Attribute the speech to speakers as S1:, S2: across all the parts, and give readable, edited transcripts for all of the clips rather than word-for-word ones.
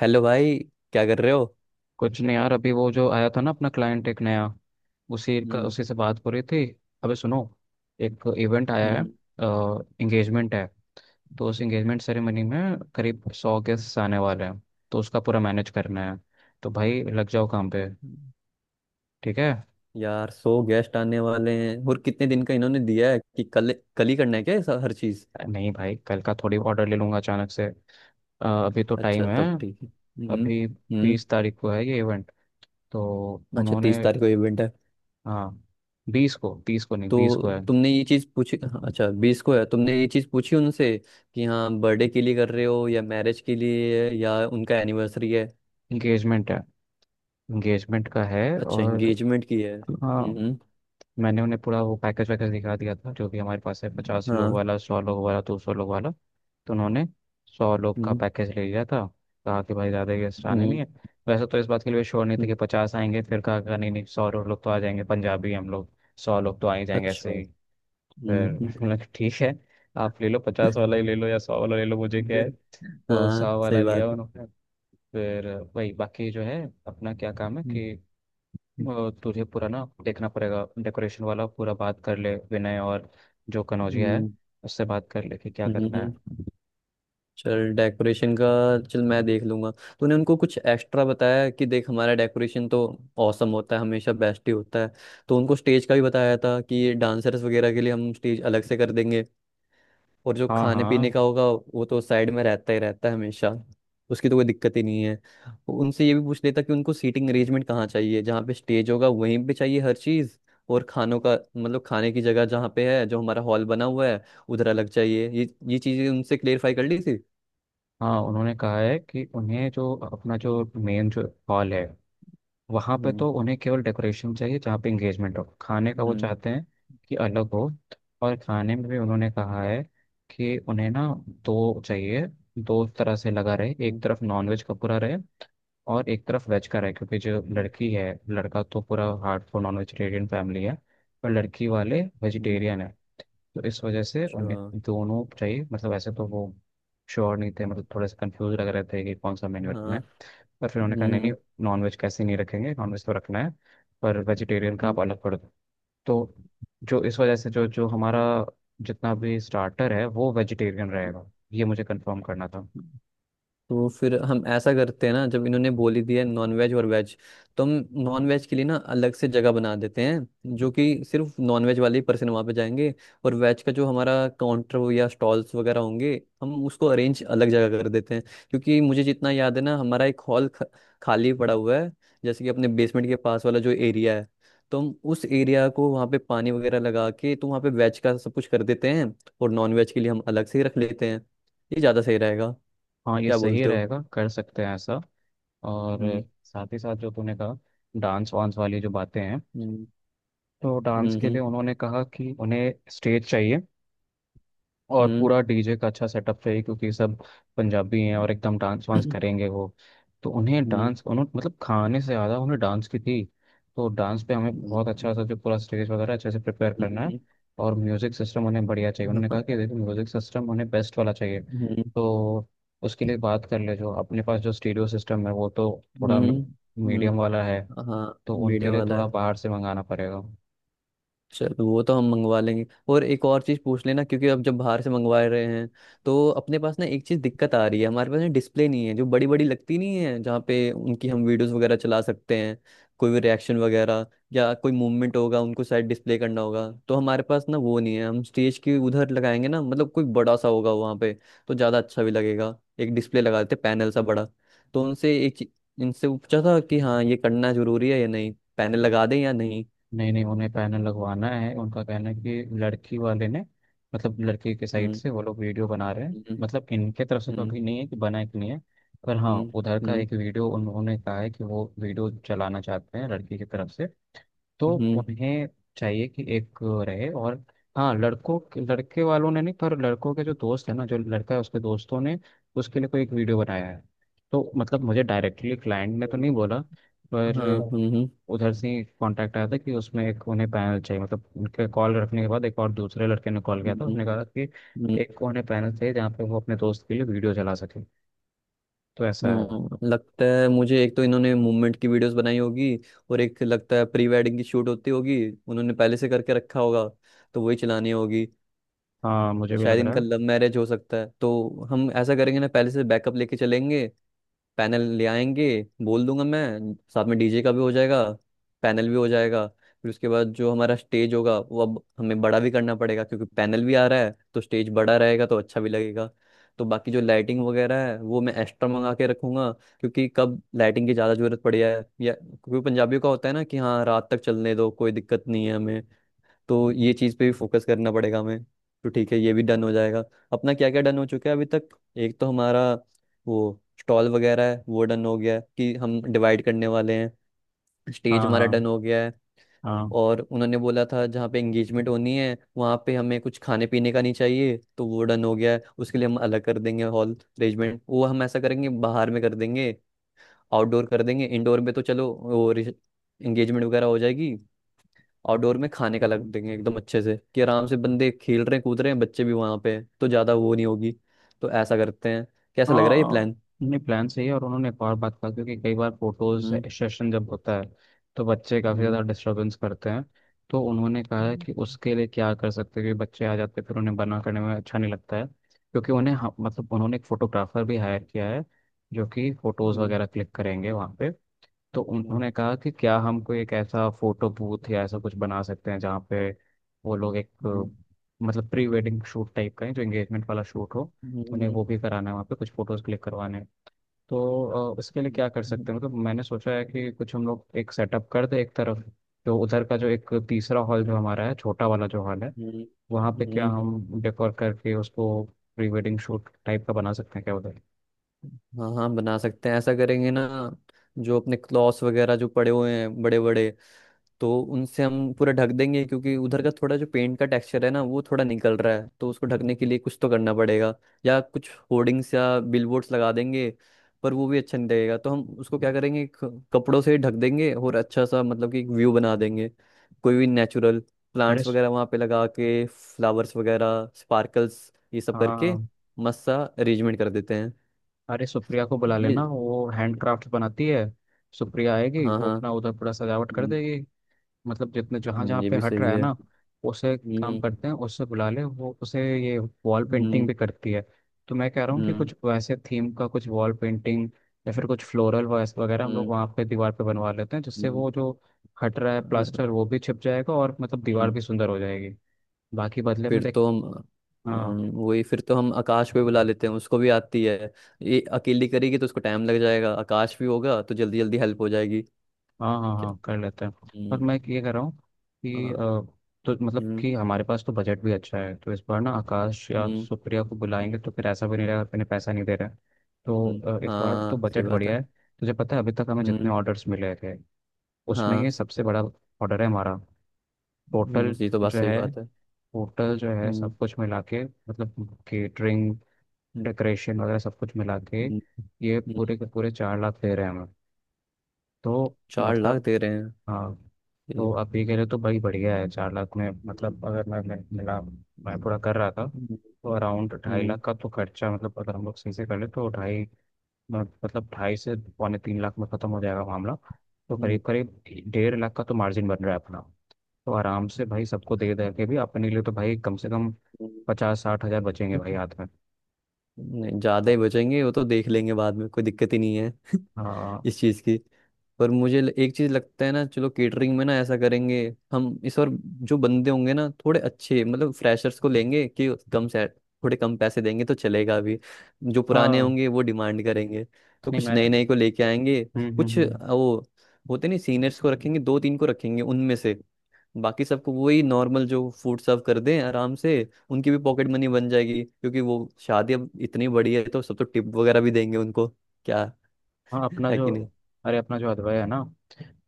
S1: Hello भाई। क्या कर रहे हो?
S2: कुछ नहीं यार। अभी वो जो आया था ना, अपना क्लाइंट एक नया,
S1: हम्म।
S2: उसी से बात हो रही थी। अबे सुनो, एक इवेंट आया है।
S1: हम्म।
S2: एंगेजमेंट है। तो उस एंगेजमेंट सेरेमनी में करीब 100 गेस्ट आने वाले हैं। तो उसका पूरा मैनेज करना है। तो भाई लग जाओ काम पे।
S1: हम्म।
S2: ठीक है।
S1: यार, सो गेस्ट आने वाले हैं और कितने दिन का इन्होंने दिया है? कि कल कल ही करना है क्या? हर चीज?
S2: नहीं भाई, कल का थोड़ी ऑर्डर ले लूँगा अचानक से। अभी तो
S1: अच्छा,
S2: टाइम है।
S1: तब ठीक है। हम्म।
S2: अभी।
S1: हम्म।
S2: 20 तारीख को है ये इवेंट। तो
S1: अच्छा,
S2: उन्होंने,
S1: तीस तारीख को इवेंट है?
S2: हाँ, बीस को बीस को नहीं बीस
S1: तो
S2: को है
S1: तुमने ये चीज पूछी? हाँ, अच्छा, बीस को है। तुमने ये चीज पूछी उनसे कि हाँ, बर्थडे के लिए कर रहे हो या मैरिज के लिए है या उनका एनिवर्सरी है?
S2: इंगेजमेंट है, इंगेजमेंट का है।
S1: अच्छा,
S2: और
S1: एंगेजमेंट की है।
S2: हाँ,
S1: हम्म।
S2: मैंने उन्हें पूरा वो पैकेज वैकेज दिखा दिया था, जो भी हमारे पास है। पचास लोग
S1: हाँ।
S2: वाला सौ लोग वाला दो सौ लोग वाला तो उन्होंने सौ लोग का
S1: हम्म।
S2: पैकेज ले लिया था। कहा कि भाई, ज़्यादा गेस्ट आने नहीं
S1: हम्म।
S2: है। वैसे तो इस बात के लिए श्योर नहीं थे कि
S1: हम्म।
S2: 50 आएंगे। फिर कहा कहा, नहीं नहीं, 100 लोग तो आ जाएंगे, पंजाबी हम लोग। 100 लोग तो आ ही जाएंगे
S1: अच्छा।
S2: ऐसे ही। फिर
S1: हम्म।
S2: मैंने कहा, ठीक है। आप ले लो, 50 वाला ही ले लो या 100 वाला ले लो, मुझे क्या है। तो
S1: हाँ,
S2: सौ वाला
S1: सही
S2: लिया
S1: बात है।
S2: उन्होंने। फिर वही बाकी जो है, अपना क्या काम है
S1: हम्म।
S2: कि तुझे पूरा ना देखना पड़ेगा डेकोरेशन वाला। पूरा बात कर ले विनय और जो कनौजिया है,
S1: हम्म।
S2: उससे बात कर ले कि क्या करना
S1: हम्म।
S2: है।
S1: चल, डेकोरेशन का। चल, मैं देख लूंगा। तूने उनको कुछ एक्स्ट्रा बताया कि देख, हमारा डेकोरेशन तो औसम होता है, हमेशा बेस्ट ही होता है? तो उनको स्टेज का भी बताया था कि डांसर्स वगैरह के लिए हम स्टेज अलग से कर देंगे? और जो
S2: हाँ
S1: खाने पीने
S2: हाँ
S1: का होगा, वो तो साइड में रहता ही रहता है हमेशा। उसकी तो कोई दिक्कत ही नहीं है। उनसे ये भी पूछ लेता कि उनको सीटिंग अरेंजमेंट कहाँ चाहिए, जहाँ पे स्टेज होगा वहीं पे चाहिए हर चीज़? और खानों का मतलब खाने की जगह जहाँ पे है, जो हमारा हॉल बना हुआ है, उधर अलग चाहिए, ये चीज़ें उनसे क्लेरिफाई कर ली थी?
S2: हाँ। उन्होंने कहा है कि उन्हें जो अपना जो मेन जो हॉल है, वहाँ पे
S1: हम्म।
S2: तो उन्हें केवल डेकोरेशन चाहिए। जहाँ पे इंगेजमेंट हो, खाने का वो
S1: हम्म।
S2: चाहते हैं कि अलग हो। और खाने में भी उन्होंने कहा है कि उन्हें ना दो चाहिए, दो तरह से लगा रहे, एक
S1: हम्म।
S2: तरफ नॉनवेज का पूरा रहे, और एक तरफ वेज का है। क्योंकि जो
S1: हम्म।
S2: लड़की है, लड़का तो पूरा हार्डकोर नॉन वेजिटेरियन फैमिली है, पर लड़की वाले
S1: हम्म।
S2: वेजिटेरियन है। तो इस वजह से
S1: अच्छा।
S2: उन्हें दोनों चाहिए। मतलब ऐसे तो वो श्योर नहीं थे, मतलब थोड़े से कंफ्यूज लग रहे थे कि कौन सा मेन्यू रखना
S1: हाँ।
S2: है। पर फिर उन्होंने कहा, नहीं नहीं,
S1: हम्म।
S2: नॉन वेज कैसे नहीं रखेंगे, नॉन वेज तो रखना है, पर वेजिटेरियन का आप अलग कर दो। तो जो इस वजह से जो जो हमारा जितना भी स्टार्टर है वो वेजिटेरियन रहेगा, ये मुझे कंफर्म करना था।
S1: हम्म। तो फिर हम ऐसा करते हैं ना, जब इन्होंने बोली दी है नॉन वेज और वेज, तो हम नॉन वेज के लिए ना अलग से जगह बना देते हैं, जो कि सिर्फ नॉन वेज वाले ही पर्सन वहाँ पे जाएंगे। और वेज का जो हमारा काउंटर हो या स्टॉल्स वगैरह होंगे, हम उसको अरेंज अलग जगह कर देते हैं। क्योंकि मुझे जितना याद है ना, हमारा एक हॉल खाली पड़ा हुआ है। जैसे कि अपने बेसमेंट के पास वाला जो एरिया है, तो हम उस एरिया को वहाँ पे पानी वगैरह लगा के, तो वहाँ पे वेज का सब कुछ कर देते हैं, और नॉन वेज के लिए हम अलग से ही रख लेते हैं। ये ज़्यादा सही रहेगा।
S2: हाँ, ये
S1: क्या
S2: सही
S1: बोलते हो?
S2: रहेगा, कर सकते हैं ऐसा। और
S1: हम्म।
S2: साथ ही साथ जो तूने कहा, डांस वांस वाली जो बातें हैं,
S1: हम्म।
S2: तो डांस के
S1: हम्म।
S2: लिए उन्होंने कहा कि उन्हें स्टेज चाहिए, और
S1: हम्म।
S2: पूरा डीजे का अच्छा सेटअप चाहिए, क्योंकि सब पंजाबी हैं और एकदम डांस वांस करेंगे वो। तो उन्हें
S1: हम्म।
S2: डांस उन्होंने मतलब, खाने से ज़्यादा उन्हें डांस की थी। तो डांस पे हमें बहुत
S1: हम्म।
S2: अच्छा सा जो पूरा स्टेज वगैरह अच्छे से प्रिपेयर करना है। और म्यूज़िक सिस्टम उन्हें बढ़िया चाहिए। उन्होंने
S1: हाँ।
S2: कहा कि देखो, म्यूज़िक सिस्टम उन्हें बेस्ट वाला चाहिए।
S1: हम्म।
S2: तो उसके लिए बात कर ले। जो अपने पास जो स्टीरियो सिस्टम है वो तो थोड़ा
S1: हम्म।
S2: मीडियम वाला है,
S1: हम्म। हाँ।
S2: तो उनके
S1: मीडियम
S2: लिए
S1: वाला
S2: थोड़ा
S1: है।
S2: बाहर से मंगाना पड़ेगा।
S1: चलो, वो तो हम मंगवा लेंगे। और एक और चीज़ पूछ लेना, क्योंकि अब जब बाहर से मंगवा रहे हैं, तो अपने पास ना एक चीज़ दिक्कत आ रही है। हमारे पास ना डिस्प्ले नहीं है जो बड़ी बड़ी लगती नहीं है, जहाँ पे उनकी हम वीडियोस वगैरह चला सकते हैं। कोई भी रिएक्शन वगैरह या कोई मूवमेंट होगा, उनको शायद डिस्प्ले करना होगा, तो हमारे पास ना वो नहीं है। हम स्टेज के उधर लगाएंगे ना, मतलब कोई बड़ा सा होगा वहाँ पे तो ज़्यादा अच्छा भी लगेगा। एक डिस्प्ले लगा देते, पैनल सा बड़ा। तो उनसे इनसे वो पूछा था कि हाँ, ये करना जरूरी है या नहीं, पैनल लगा दें या नहीं?
S2: नहीं नहीं, उन्हें पैनल लगवाना है। उनका कहना है कि लड़की वाले ने, मतलब लड़की के साइड
S1: हम्म।
S2: से वो लोग वीडियो बना रहे हैं,
S1: हम्म।
S2: मतलब इनके तरफ से तो
S1: हम्म।
S2: अभी नहीं है कि बना है कि नहीं है। पर हाँ,
S1: हम्म।
S2: उधर का
S1: हम्म।
S2: एक वीडियो उन्होंने कहा है कि वो वीडियो चलाना चाहते हैं, लड़की की तरफ से। तो
S1: हम्म।
S2: उन्हें चाहिए कि एक रहे। और हाँ, लड़कों, लड़के वालों ने नहीं, पर लड़कों के जो दोस्त है ना, जो लड़का है उसके दोस्तों ने उसके लिए कोई एक वीडियो बनाया है। तो मतलब मुझे डायरेक्टली क्लाइंट ने तो नहीं बोला, पर
S1: हाँ। हम्म। हम्म।
S2: उधर से ही कांटेक्ट आया था कि उसमें एक उन्हें पैनल चाहिए। मतलब उनके कॉल रखने के बाद एक और दूसरे लड़के ने कॉल
S1: हम्म।
S2: किया था,
S1: हम्म।
S2: उसने
S1: हम्म।
S2: कहा कि
S1: हम्म।
S2: एक उन्हें पैनल चाहिए जहाँ पे वो अपने दोस्त के लिए वीडियो चला सके। तो ऐसा है।
S1: हम्म। हम्म। लगता है मुझे, एक तो इन्होंने मूवमेंट की वीडियोस बनाई होगी, और एक लगता है प्री वेडिंग की शूट होती होगी। उन्होंने पहले से करके रखा होगा, तो वही चलानी होगी।
S2: हाँ, मुझे भी
S1: शायद
S2: लग रहा
S1: इनका लव
S2: है।
S1: मैरिज हो सकता है, तो हम ऐसा करेंगे ना, पहले से बैकअप लेके चलेंगे। पैनल ले आएंगे। बोल दूंगा मैं, साथ में डीजे का भी हो जाएगा, पैनल भी हो जाएगा। फिर उसके बाद जो हमारा स्टेज होगा, वो अब हमें बड़ा भी करना पड़ेगा, क्योंकि पैनल भी आ रहा है, तो स्टेज बड़ा रहेगा तो अच्छा भी लगेगा। तो बाकी जो लाइटिंग वगैरह है, वो मैं एक्स्ट्रा मंगा के रखूंगा, क्योंकि कब लाइटिंग की ज़्यादा ज़रूरत पड़ी है, या क्योंकि पंजाबियों का होता है ना कि हाँ, रात तक चलने दो, कोई दिक्कत नहीं है हमें, तो ये चीज़ पे भी फोकस करना पड़ेगा हमें। तो ठीक है, ये भी डन हो जाएगा। अपना क्या क्या डन हो चुका है अभी तक? एक तो हमारा वो स्टॉल वगैरह है, वो डन हो गया है कि हम डिवाइड करने वाले हैं। स्टेज
S2: हाँ
S1: हमारा
S2: हाँ
S1: डन हो गया है।
S2: हाँ
S1: और उन्होंने बोला था जहाँ पे एंगेजमेंट होनी है वहाँ पे हमें कुछ खाने पीने का नहीं चाहिए, तो वो डन हो गया है। उसके लिए हम अलग कर देंगे, हॉल अरेंजमेंट वो हम ऐसा करेंगे, बाहर में कर देंगे। आउटडोर कर देंगे इंडोर में, तो चलो, वो एंगेजमेंट वगैरह हो जाएगी। आउटडोर में खाने का लग देंगे एकदम अच्छे से, कि आराम से बंदे खेल रहे हैं, कूद रहे हैं, बच्चे भी वहां पे हैं, तो ज्यादा वो नहीं होगी। तो ऐसा करते हैं। कैसा लग रहा है ये
S2: हाँ।
S1: प्लान?
S2: नहीं, प्लान सही है। और उन्होंने एक और बात कहा, क्योंकि कई बार फोटोज
S1: हम्म।
S2: सेशन जब होता है, तो बच्चे काफ़ी
S1: हम्म।
S2: ज़्यादा डिस्टरबेंस करते हैं। तो उन्होंने कहा है
S1: हम्म।
S2: कि उसके लिए क्या कर सकते हैं कि बच्चे आ जाते हैं, फिर उन्हें बना करने में अच्छा नहीं लगता है, क्योंकि
S1: हम्म।
S2: उन्हें, हाँ, मतलब उन्होंने एक फोटोग्राफर भी हायर किया है, जो कि फोटोज़
S1: हम्म।
S2: वगैरह क्लिक करेंगे वहाँ पे। तो
S1: अच्छा।
S2: उन्होंने कहा कि क्या हम कोई एक ऐसा फोटो बूथ या ऐसा कुछ बना सकते हैं जहाँ पे वो लोग एक,
S1: हम्म।
S2: मतलब प्री वेडिंग शूट टाइप का है, जो एंगेजमेंट वाला शूट हो, उन्हें
S1: हम्म।
S2: वो भी कराना है, वहाँ पे कुछ फोटोज क्लिक करवाने हैं। तो इसके लिए
S1: हम्म।
S2: क्या कर
S1: हम्म।
S2: सकते हैं, मतलब मैंने सोचा है कि कुछ हम लोग एक सेटअप कर दे एक तरफ, जो उधर का जो एक तीसरा हॉल जो हमारा है, छोटा वाला जो हॉल है,
S1: हम्म।
S2: वहाँ पे क्या
S1: हम्म।
S2: हम डेकोर करके उसको प्री वेडिंग शूट टाइप का बना सकते हैं क्या उधर।
S1: हाँ हाँ, बना सकते हैं, ऐसा करेंगे ना। जो अपने क्लॉथ्स वगैरह जो पड़े हुए हैं बड़े बड़े, तो उनसे हम पूरा ढक देंगे। क्योंकि उधर का थोड़ा जो पेंट का टेक्सचर है ना, वो थोड़ा निकल रहा है, तो उसको ढकने के लिए कुछ तो करना पड़ेगा। या कुछ होर्डिंग्स या बिलबोर्ड्स लगा देंगे, पर वो भी अच्छा नहीं लगेगा, तो हम उसको क्या करेंगे, कपड़ों से ही ढक देंगे, और अच्छा सा, मतलब कि एक व्यू बना देंगे। कोई भी नेचुरल
S2: अरे
S1: प्लांट्स
S2: स-
S1: वगैरह वहाँ पे लगा के, फ्लावर्स वगैरह, स्पार्कल्स, ये सब करके
S2: हाँ।
S1: मस्त सा अरेंजमेंट कर देते हैं।
S2: अरे सुप्रिया को बुला
S1: ये।
S2: लेना, वो हैंडक्राफ्ट बनाती है। सुप्रिया आएगी,
S1: हाँ
S2: वो
S1: हाँ।
S2: अपना उधर पूरा सजावट कर
S1: हम्म।
S2: देगी, मतलब जितने जहाँ
S1: हम्म।
S2: जहाँ
S1: ये
S2: पे
S1: भी
S2: हट रहा
S1: सही
S2: है
S1: है।
S2: ना, उसे काम
S1: हम्म।
S2: करते हैं, उससे बुला ले। वो उसे ये वॉल पेंटिंग
S1: हम्म।
S2: भी करती है। तो मैं कह रहा हूँ कि
S1: हम्म।
S2: कुछ वैसे थीम का कुछ वॉल पेंटिंग या फिर कुछ फ्लोरल वगैरह हम लोग
S1: हम्म।
S2: वहाँ पे दीवार पे बनवा लेते हैं, जिससे
S1: हम्म।
S2: वो जो हट रहा है
S1: हम्म।
S2: प्लास्टर वो भी छिप जाएगा, और मतलब दीवार भी सुंदर हो जाएगी। बाकी बदले में
S1: फिर
S2: देख।
S1: तो हम
S2: हाँ
S1: अम, वही फिर तो हम आकाश पे बुला लेते हैं, उसको भी आती है। ये अकेली करेगी तो उसको टाइम लग जाएगा, आकाश भी होगा तो जल्दी जल्दी हेल्प हो जाएगी।
S2: हाँ हाँ
S1: क्या?
S2: हाँ, कर लेते हैं। पर मैं
S1: हम्म।
S2: ये कह रहा हूँ कि
S1: हाँ।
S2: तो मतलब
S1: हम्म।
S2: कि हमारे पास तो बजट भी अच्छा है, तो इस बार ना आकाश या
S1: हम्म।
S2: सुप्रिया को बुलाएंगे,
S1: हम्म।
S2: तो फिर ऐसा भी नहीं रहेगा कि इन्हें पैसा नहीं दे रहा है। तो
S1: हम्म।
S2: इस बार तो
S1: हाँ, सही
S2: बजट
S1: बात है।
S2: बढ़िया है। तुझे पता है अभी तक हमें जितने
S1: हम्म।
S2: ऑर्डर्स मिले थे, उसमें ये
S1: हाँ।
S2: सबसे बड़ा ऑर्डर है हमारा।
S1: हम्म।
S2: टोटल
S1: ये तो बात,
S2: जो
S1: सही
S2: है
S1: बात है।
S2: टोटल जो है
S1: हम्म।
S2: सब कुछ मिला के, मतलब केटरिंग,
S1: हम्म।
S2: डेकोरेशन वगैरह सब कुछ मिला के,
S1: हम्म।
S2: ये
S1: हम्म।
S2: पूरे के पूरे 4 लाख दे रहे हैं हमें। तो
S1: चार लाख
S2: मतलब,
S1: दे रहे हैं?
S2: हाँ, तो
S1: ये।
S2: आप ये कह रहे हो तो भाई बढ़िया है। 4 लाख में
S1: हम्म।
S2: मतलब अगर मैं पूरा
S1: हम्म।
S2: कर रहा था तो अराउंड ढाई
S1: हम्म।
S2: लाख का तो खर्चा, मतलब अगर हम लोग सही से कर ले तो ढाई, मतलब 2.5 से 2.75 लाख में ख़त्म हो जाएगा मामला। तो
S1: हम्म।
S2: करीब करीब 1.5 लाख का तो मार्जिन बन रहा है अपना। तो आराम से भाई सबको दे दे के भी अपने लिए तो भाई कम से कम
S1: हम्म।
S2: 50 60 हज़ार बचेंगे भाई हाथ में।
S1: नहीं, ज्यादा ही बचेंगे, वो तो देख लेंगे बाद में, कोई दिक्कत ही नहीं है
S2: हाँ
S1: इस चीज़ की। पर मुझे एक चीज़ लगता है ना, चलो केटरिंग में ना ऐसा करेंगे। हम इस बार जो बंदे होंगे ना थोड़े अच्छे, मतलब फ्रेशर्स को लेंगे, कि कम से थोड़े कम पैसे देंगे तो चलेगा अभी। जो पुराने
S2: हाँ।
S1: होंगे वो डिमांड करेंगे, तो
S2: नहीं
S1: कुछ
S2: मैं
S1: नए नए को लेके आएंगे।
S2: हम्म
S1: कुछ
S2: हम्म
S1: वो होते नहीं, सीनियर्स को रखेंगे, दो तीन को रखेंगे उनमें से। बाकी सबको वही नॉर्मल जो फूड सर्व कर दें आराम से। उनकी भी पॉकेट मनी बन जाएगी, क्योंकि वो शादी अब इतनी बड़ी है तो सब तो टिप वगैरह भी देंगे उनको। क्या,
S2: हाँ। अपना
S1: है
S2: जो
S1: कि नहीं?
S2: अरे अपना जो अदवाया है ना,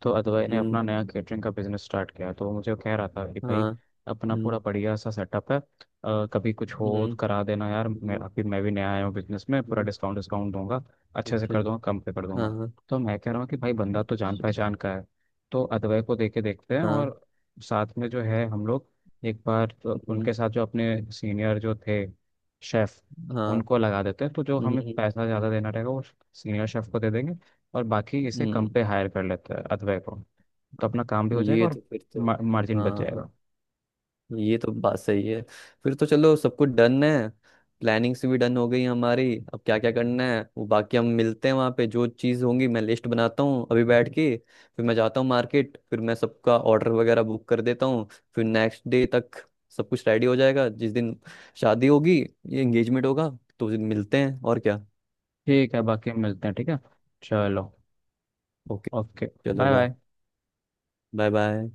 S2: तो अदवाई ने
S1: हम्म।
S2: अपना नया केटरिंग का बिजनेस स्टार्ट किया, तो वो मुझे कह रहा था कि भाई,
S1: हाँ।
S2: अपना
S1: हम्म।
S2: पूरा बढ़िया सा सेटअप है। कभी कुछ
S1: हम्म।
S2: हो तो करा देना यार,
S1: हम्म।
S2: मैं भी नया आया हूँ बिजनेस में, पूरा
S1: हम्म।
S2: डिस्काउंट डिस्काउंट दूंगा, अच्छे से
S1: अच्छा।
S2: कर दूंगा, कम पे कर
S1: हाँ
S2: दूंगा।
S1: हाँ।
S2: तो मैं कह रहा हूँ कि भाई बंदा तो जान
S1: अच्छा।
S2: पहचान का है, तो अदवाई को देके देखते हैं।
S1: हाँ।
S2: और साथ में जो है, हम लोग एक बार तो
S1: हम्म।
S2: उनके साथ जो अपने सीनियर जो थे शेफ,
S1: हाँ।
S2: उनको लगा देते हैं, तो जो हमें
S1: हम्म।
S2: पैसा ज़्यादा देना रहेगा वो सीनियर शेफ को दे देंगे, और बाकी इसे कम
S1: हम्म।
S2: पे हायर कर लेते हैं अथवे को। तो
S1: हाँ।
S2: अपना काम भी हो जाएगा
S1: ये
S2: और
S1: तो फिर तो
S2: मार्जिन बच
S1: हाँ,
S2: जाएगा।
S1: ये तो बात सही है। फिर तो चलो, सब कुछ डन है। प्लानिंग्स भी डन हो गई हमारी। अब क्या क्या करना है वो बाकी हम मिलते हैं वहाँ पे। जो चीज़ होंगी मैं लिस्ट बनाता हूँ अभी बैठ के, फिर मैं जाता हूँ मार्केट, फिर मैं सबका ऑर्डर वगैरह बुक कर देता हूँ, फिर नेक्स्ट डे तक सब कुछ रेडी हो जाएगा, जिस दिन शादी होगी, ये एंगेजमेंट होगा, तो उस दिन मिलते हैं और क्या।
S2: ठीक है, बाकी हम मिलते हैं। ठीक है, चलो।
S1: ओके।
S2: ओके।
S1: चलो,
S2: bye
S1: bye.
S2: Bye.
S1: Bye bye.